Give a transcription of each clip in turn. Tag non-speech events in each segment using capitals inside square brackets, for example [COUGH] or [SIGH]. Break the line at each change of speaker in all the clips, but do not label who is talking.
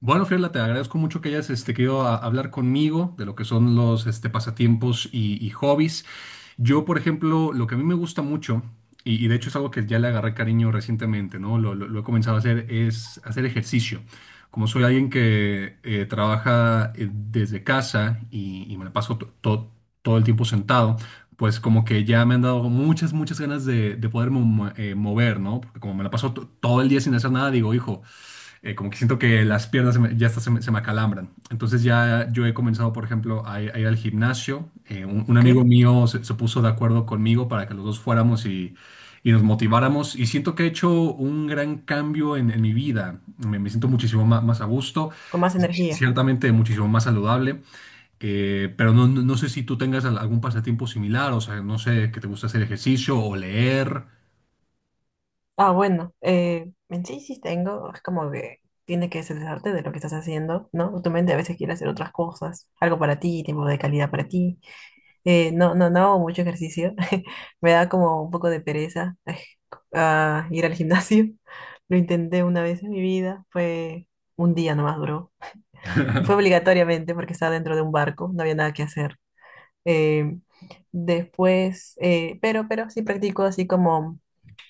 Bueno, Fiorella, te agradezco mucho que hayas querido hablar conmigo de lo que son los pasatiempos y hobbies. Yo, por ejemplo, lo que a mí me gusta mucho, y de hecho es algo que ya le agarré cariño recientemente, ¿no? Lo he comenzado a hacer, es hacer ejercicio. Como soy alguien que trabaja desde casa y me la paso todo el tiempo sentado, pues como que ya me han dado muchas, muchas ganas de poder mover, ¿no? Porque como me la paso todo el día sin hacer nada, digo, hijo. Como que siento que las piernas ya hasta se me acalambran. Entonces ya yo he comenzado, por ejemplo, a ir al gimnasio. Un
Ok.
amigo mío se puso de acuerdo conmigo para que los dos fuéramos y nos motiváramos. Y siento que he hecho un gran cambio en mi vida. Me siento muchísimo más a gusto,
Con más energía.
ciertamente muchísimo más saludable. Pero no sé si tú tengas algún pasatiempo similar, o sea, no sé, que te gusta hacer ejercicio o leer.
Ah, bueno, en sí sí tengo, es como que tiene que cesarte de lo que estás haciendo, ¿no? Tu mente a veces quiere hacer otras cosas, algo para ti, tiempo de calidad para ti. No hago mucho ejercicio, [LAUGHS] me da como un poco de pereza ay, ah, [LAUGHS] ir al gimnasio. [LAUGHS] Lo intenté una vez en mi vida, fue un día nomás duró. Y fue obligatoriamente porque estaba dentro de un barco, no había nada que hacer. eh, después, pero sí practico así como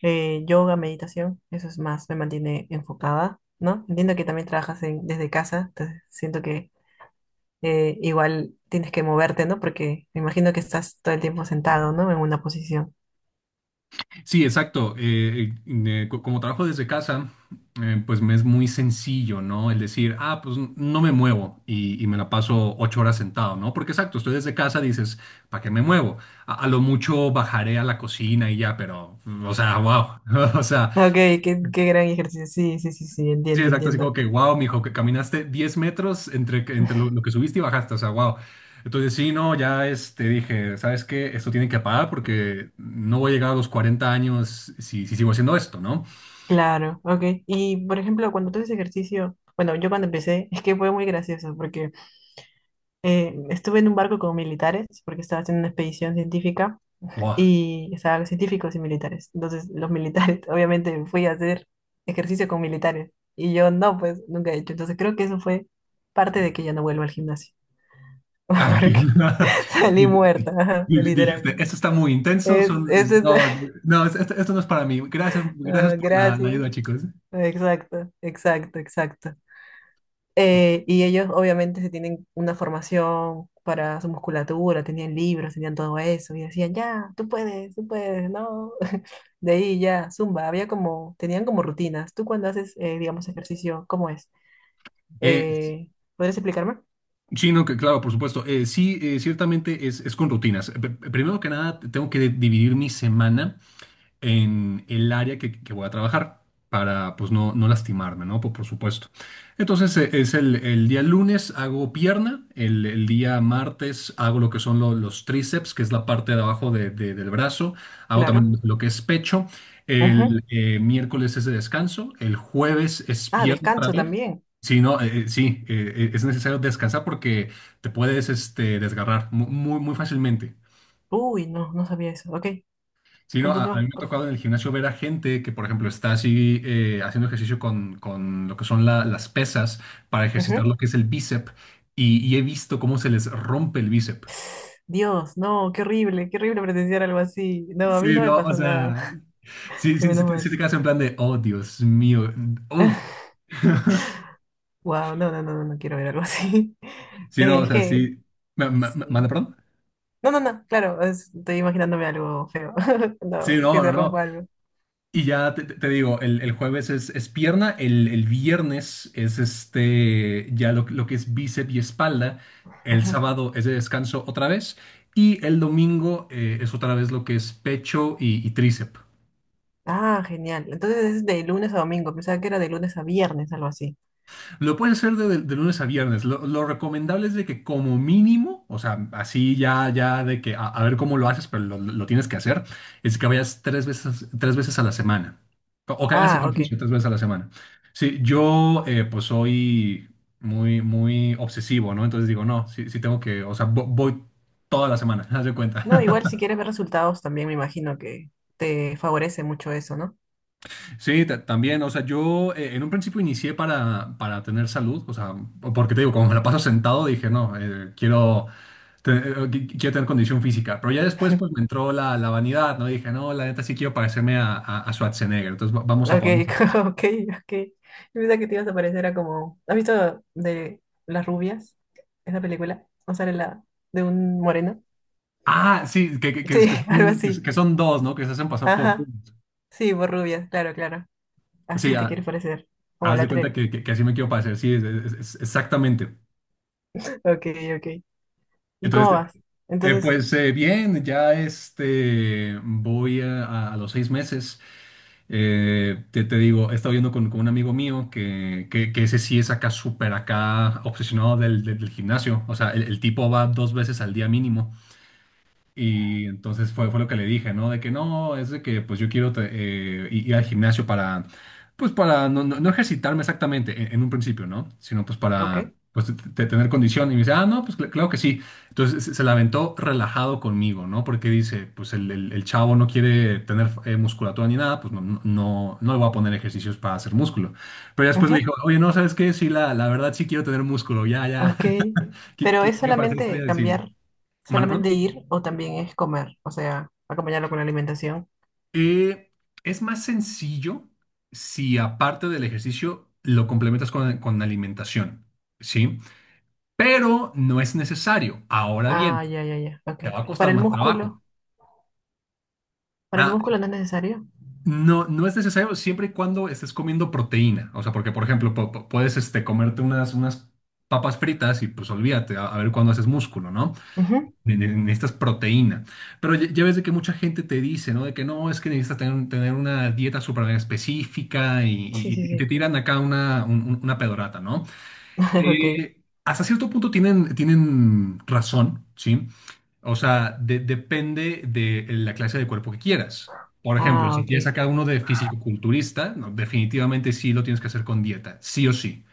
yoga, meditación, eso es más, me mantiene enfocada, ¿no? Entiendo que también desde casa, entonces siento que igual tienes que moverte, ¿no? Porque me imagino que estás todo el tiempo sentado, ¿no? En una posición.
Sí, exacto. Como trabajo desde casa, pues me es muy sencillo, ¿no? El decir, ah, pues no me muevo y me la paso 8 horas sentado, ¿no? Porque exacto, estoy desde casa, dices, ¿para qué me muevo? A lo mucho bajaré a la cocina y ya, pero, o sea, wow. [LAUGHS] O sea,
Ok, qué gran ejercicio. Sí, sí, sí, sí,
sí,
entiendo,
exacto, así como
entiendo.
que, wow, mijo, que caminaste 10 metros entre, entre lo que subiste y bajaste, o sea, wow. Entonces, sí, no, ya dije, ¿sabes qué? Esto tiene que parar porque no voy a llegar a los 40 años si sigo haciendo esto, ¿no?
Claro, ok. Y por ejemplo, cuando tú haces ejercicio, bueno, yo cuando empecé, [LAUGHS] es que fue muy gracioso porque estuve en un barco con militares porque estaba haciendo una expedición científica
Buah.
y estaban científicos y militares. Entonces, los militares, [LAUGHS] obviamente, fui a hacer ejercicio con militares y yo no, pues nunca he hecho. Entonces, creo que eso fue parte de que ya no vuelvo al gimnasio [LAUGHS]
Ah, que-
porque
[LAUGHS]
salí
di-
muerta, ajá,
di-
literal.
Dijiste, esto está muy intenso,
Es,
son,
es, es-
no, no,
[LAUGHS]
no, esto no es para mí. Gracias, gracias
ah,
por la
gracias.
ayuda, chicos.
Exacto, exacto, exacto. Y ellos obviamente se tienen una formación para su musculatura, tenían libros, tenían todo eso, y decían, ya, tú puedes, no. [LAUGHS] De ahí ya, zumba, había como, tenían como rutinas. Tú cuando haces, digamos, ejercicio, ¿cómo es?
Eh,
Eh, ¿Podrías explicarme?
sí, no, que claro, por supuesto. Sí, ciertamente es con rutinas. Primero que nada, tengo que dividir mi semana en el área que voy a trabajar para pues no lastimarme, ¿no? Por supuesto. Entonces es el día lunes hago pierna, el día martes hago lo que son los tríceps, que es la parte de abajo del brazo, hago
Claro.
también lo que es pecho,
Ujú.
el miércoles es de descanso, el jueves es
Ah,
pierna otra
descanso
vez.
también.
Sí, no, sí, es necesario descansar porque te puedes desgarrar muy, muy fácilmente.
Uy, no, no sabía eso. Ok,
Sí, no, a mí
continúa,
me ha
por favor.
tocado en el gimnasio ver a gente que, por ejemplo, está así haciendo ejercicio con lo que son las pesas para ejercitar
Ujú.
lo que es el bíceps y he visto cómo se les rompe el bíceps.
Dios, no, qué horrible presenciar algo así. No, a mí
Sí,
no me
no, o
pasó nada,
sea,
[LAUGHS]
sí, sí,
menos
sí
mal.
te quedas en plan de, oh, Dios mío, uff.
[LAUGHS] Wow, no, no, no, no, no quiero ver algo así. [LAUGHS]
Sí,
Eh,
no, o
es
sea,
que,
sí. ¿Manda,
sí.
perdón?
No, no, no, claro, estoy imaginándome algo feo. [LAUGHS]
Sí,
No,
no,
que
no,
se
no.
rompa algo.
Y ya te digo, el jueves es pierna, el viernes es ya lo que es bíceps y espalda, el
Ujú.
sábado es de descanso otra vez y el domingo es otra vez lo que es pecho y tríceps.
Ah, genial. Entonces es de lunes a domingo. Pensaba que era de lunes a viernes, algo así.
Lo pueden hacer de lunes a viernes. Lo recomendable es de que como mínimo, o sea, así ya de que a ver cómo lo haces, pero lo tienes que hacer, es que vayas tres veces a la semana. O que hagas
Ah,
ejercicio
ok.
tres veces a la semana. Sí, yo pues soy muy, muy obsesivo, ¿no? Entonces digo, no, sí, sí tengo que, o sea, voy toda la semana, [LAUGHS] haz de cuenta.
No, igual si quieres ver resultados también me imagino que te favorece mucho eso, ¿no?
Sí, también, o sea, yo en un principio inicié para tener salud, o sea, porque te digo, como me la paso sentado, dije, no, te- eh, quiero tener condición física, pero ya después pues me
[LAUGHS]
entró la vanidad, ¿no? Dije, no, la neta sí quiero parecerme a Schwarzenegger, entonces vamos a
Ok,
ponernos así.
[LAUGHS] ok, ok. Yo pensaba que te ibas a parecer era como. ¿Has visto de Las Rubias? Esa película. ¿No sale la de un moreno?
Ah, sí,
Sí,
que
[LAUGHS] algo
son,
así.
que son dos, ¿no? Que se hacen pasar por
Ajá,
uno.
sí, por rubia, claro, claro.
Sí,
Así te
ah,
quieres parecer, como
haz
la
de cuenta
tren.
que así me quiero parecer, sí, exactamente.
[LAUGHS] Ok, ok. ¿Y cómo
Entonces.
vas?
Eh,
Entonces,
pues bien, ya voy a los 6 meses. Te digo, he estado viendo con un amigo mío que ese sí es acá súper acá obsesionado del gimnasio. O sea, el tipo va dos veces al día mínimo. Y entonces fue lo que le dije, ¿no? De que no, es de que pues yo quiero ir al gimnasio pues para no, no, no ejercitarme exactamente en un principio, ¿no? Sino pues
ok.
para pues tener condición. Y me dice, ah, no, pues claro que sí. Entonces se la aventó relajado conmigo, ¿no? Porque dice, pues el chavo no quiere tener musculatura ni nada, pues no, no, no le voy a poner ejercicios para hacer músculo. Pero ya después le
Ujú,
dijo, oye, no, ¿sabes qué? Sí, la verdad sí quiero tener músculo, ya, ya.
ok.
[LAUGHS] Qui-
Pero
qui-
es
Quiero parecer estrella
solamente
de cine.
cambiar,
¿Mane,
solamente
perdón?
ir o también es comer, o sea, acompañarlo con la alimentación.
Eh, es más sencillo si aparte del ejercicio lo complementas con alimentación, ¿sí? Pero no es necesario. Ahora
Ah,
bien,
ya, ya, ya, ok.
te va a
Para
costar
el
más trabajo.
músculo, para el
Ah,
músculo no es necesario.
no, no es necesario siempre y cuando estés comiendo proteína. O sea, porque, por ejemplo, puedes comerte unas papas fritas y pues olvídate, a ver cuándo haces músculo, ¿no?
Ujú,
Necesitas proteína. Pero ya ves de que mucha gente te dice, ¿no? De que no, es que necesitas tener una dieta súper específica y,
sí,
y-
sí,
y te
sí.
tiran acá una pedorata, ¿no?
[LAUGHS] Ok.
Hasta cierto punto tienen razón, ¿sí? O sea, depende de la clase de cuerpo que quieras. Por ejemplo,
Ah,
si
ok.
quieres acá uno de fisicoculturista, no, definitivamente sí lo tienes que hacer con dieta, sí o sí.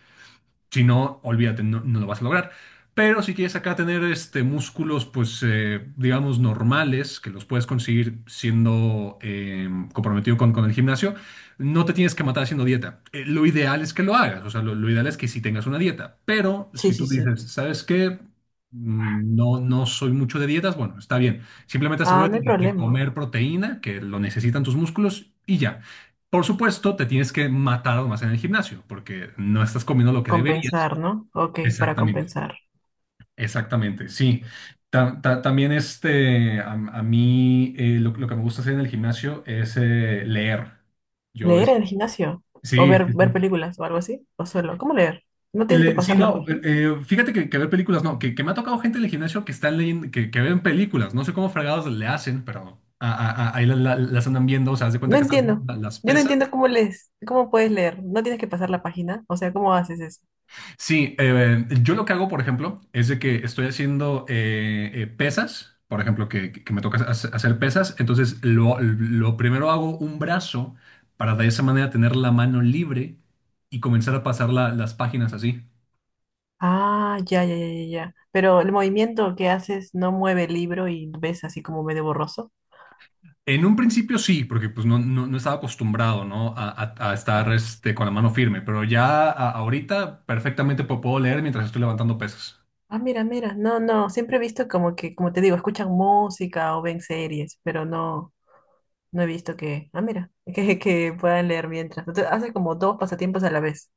Si no, olvídate, no, no lo vas a lograr. Pero si quieres acá tener músculos, pues digamos normales, que los puedes conseguir siendo comprometido con el gimnasio, no te tienes que matar haciendo dieta. Lo ideal es que lo hagas, o sea, lo ideal es que sí tengas una dieta. Pero
Sí,
si
sí,
tú
sí.
dices, ¿sabes qué? No, no soy mucho de dietas, bueno, está bien. Simplemente
Ah, no
asegúrate
hay
de
problema.
comer proteína, que lo necesitan tus músculos, y ya. Por supuesto, te tienes que matar más en el gimnasio, porque no estás comiendo lo que deberías.
Compensar, ¿no? Ok, para
Exactamente,
compensar.
exactamente, sí. También a mí lo que me gusta hacer en el gimnasio es leer. Yo
¿Leer
es.
en el gimnasio? ¿O
Sí,
ver,
sí,
ver
sí.
películas o algo así? ¿O solo? ¿Cómo leer? ¿No tienes que
Sí,
pasar la
no,
página?
fíjate que ver películas, no, que me ha tocado gente en el gimnasio que están leyendo, que ven películas, no sé cómo fregados le hacen, pero ahí las andan viendo, o sea, haz de cuenta
No
que están
entiendo.
haciendo las
Yo no
pesas.
entiendo cómo lees, cómo puedes leer. ¿No tienes que pasar la página? O sea, ¿cómo haces eso?
Sí, yo lo que hago, por ejemplo, es de que estoy haciendo pesas, por ejemplo, que me toca hacer pesas, entonces lo primero hago un brazo para de esa manera tener la mano libre y comenzar a pasar las páginas así.
Ah, ya, ya, ya, ya, ya. Pero el movimiento que haces no mueve el libro y ves así como medio borroso.
En un principio sí, porque pues no, no, no estaba acostumbrado, ¿no? A estar con la mano firme, pero ya ahorita perfectamente puedo leer mientras estoy levantando pesas.
Ah, mira, mira. No, no. Siempre he visto como que, como te digo, escuchan música o ven series, pero no, no he visto que, ah, mira, [LAUGHS] que puedan leer mientras. Entonces, hace como dos pasatiempos a la vez.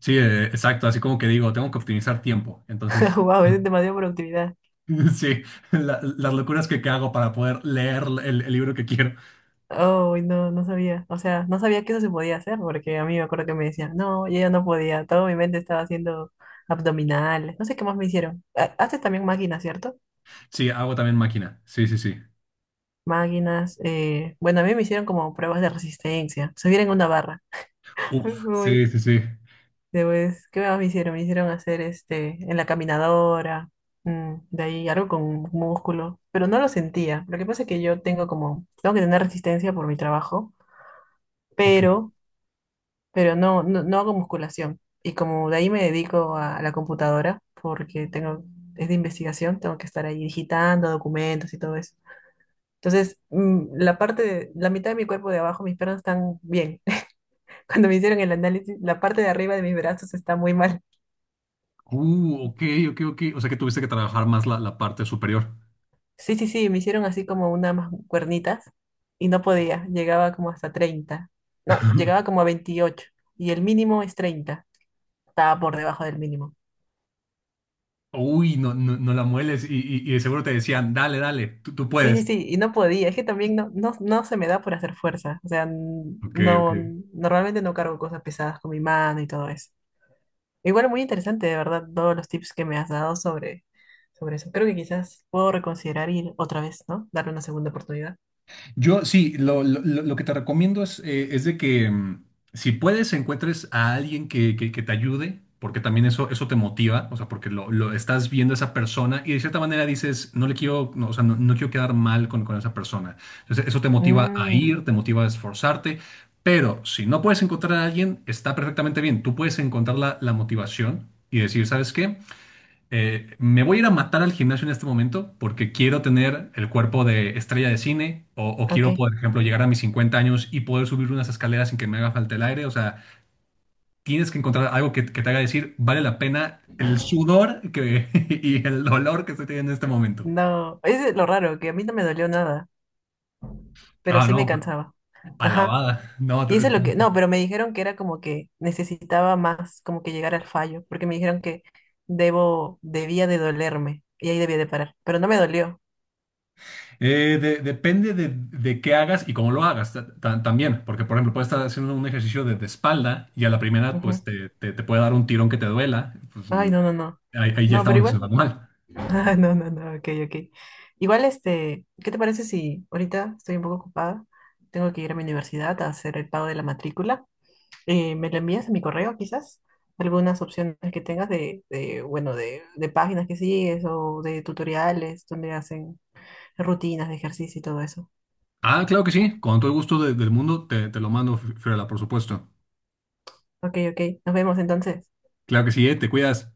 Sí, exacto, así como que digo, tengo que optimizar tiempo,
[LAUGHS]
entonces.
Wow, es demasiada productividad.
[LAUGHS] Sí, las locuras que hago para poder leer el libro que quiero.
Oh, no, no sabía. O sea, no sabía que eso se podía hacer, porque a mí me acuerdo que me decían, no, yo ya no podía. Todo mi mente estaba haciendo abdominales. No sé qué más me hicieron. Haces también máquinas, ¿cierto?
Sí, hago también máquina. Sí, sí, sí.
Máquinas. Bueno, a mí me hicieron como pruebas de resistencia. Subir en una barra. [LAUGHS]
Uf, sí,
Uy,
sí, sí.
después, ¿qué más me hicieron? Me hicieron hacer este, en la caminadora. De ahí algo con músculo. Pero no lo sentía. Lo que pasa es que yo tengo como, tengo que tener resistencia por mi trabajo.
Ok.
Pero no, no hago musculación. Y como de ahí me dedico a la computadora, porque tengo, es de investigación, tengo que estar ahí digitando documentos y todo eso. Entonces, la mitad de mi cuerpo de abajo, mis piernas están bien. [LAUGHS] Cuando me hicieron el análisis, la parte de arriba de mis brazos está muy mal.
Ok, ok, ok. O sea que tuviste que trabajar más la parte superior.
Sí, sí, sí, me hicieron así como cuernitas y no podía, llegaba como hasta 30. No, llegaba como a 28, y el mínimo es 30. Estaba por debajo del mínimo.
Uy, no, no, no la mueles y de seguro te decían, dale, dale, tú
Sí, sí,
puedes.
sí, y no podía, es que también no, no, se me da por hacer fuerza, o sea, n-
Ok, ok.
no, normalmente no cargo cosas pesadas con mi mano y todo eso. Igual muy interesante, de verdad, todos los tips que me has dado sobre, sobre eso. Creo que quizás puedo reconsiderar ir otra vez, ¿no? Darle una segunda oportunidad.
Yo sí, lo que te recomiendo es de que si puedes encuentres a alguien que te ayude, porque también eso te motiva, o sea, porque lo estás viendo a esa persona y de cierta manera dices, no le quiero, no, o sea, no, no quiero quedar mal con esa persona. Entonces, eso te motiva a
Mm,
ir, te motiva a esforzarte, pero si no puedes encontrar a alguien, está perfectamente bien. Tú puedes encontrar la motivación y decir, ¿sabes qué? Me voy a ir a matar al gimnasio en este momento porque quiero tener el cuerpo de estrella de cine o
ok,
quiero, por ejemplo, llegar a mis 50 años y poder subir unas escaleras sin que me haga falta el aire. O sea, tienes que encontrar algo que te haga decir, vale la pena el sudor [LAUGHS] y el dolor que estoy teniendo en este momento.
no, es lo raro, que a mí no me dolió nada, pero
Ah,
sí me
no,
cansaba. Ajá.
alabada. No,
Y eso es lo que, no, pero me dijeron que era como que necesitaba más, como que llegar al fallo, porque me dijeron que debía de dolerme y ahí debía de parar, pero no me dolió.
Depende de qué hagas y cómo lo hagas también, porque por ejemplo puedes estar haciendo un ejercicio de espalda y a la primera
Ujú.
pues te puede dar un tirón que te duela, pues
Ay, no, no, no.
ahí ya
No, pero
estamos lesionando
igual.
mal.
[LAUGHS] Ah, no, no, no, ok, ok. Igual, este, ¿qué te parece si ahorita estoy un poco ocupada? Tengo que ir a mi universidad a hacer el pago de la matrícula. ¿Me lo envías a mi correo quizás? Algunas opciones que tengas de, bueno, de páginas que sigues o de tutoriales donde hacen rutinas de ejercicio y todo eso.
Ah, claro que sí, con todo el gusto del mundo te lo mando, Fiorella, por supuesto.
Ok, ok. Nos vemos entonces.
Claro que sí, te cuidas.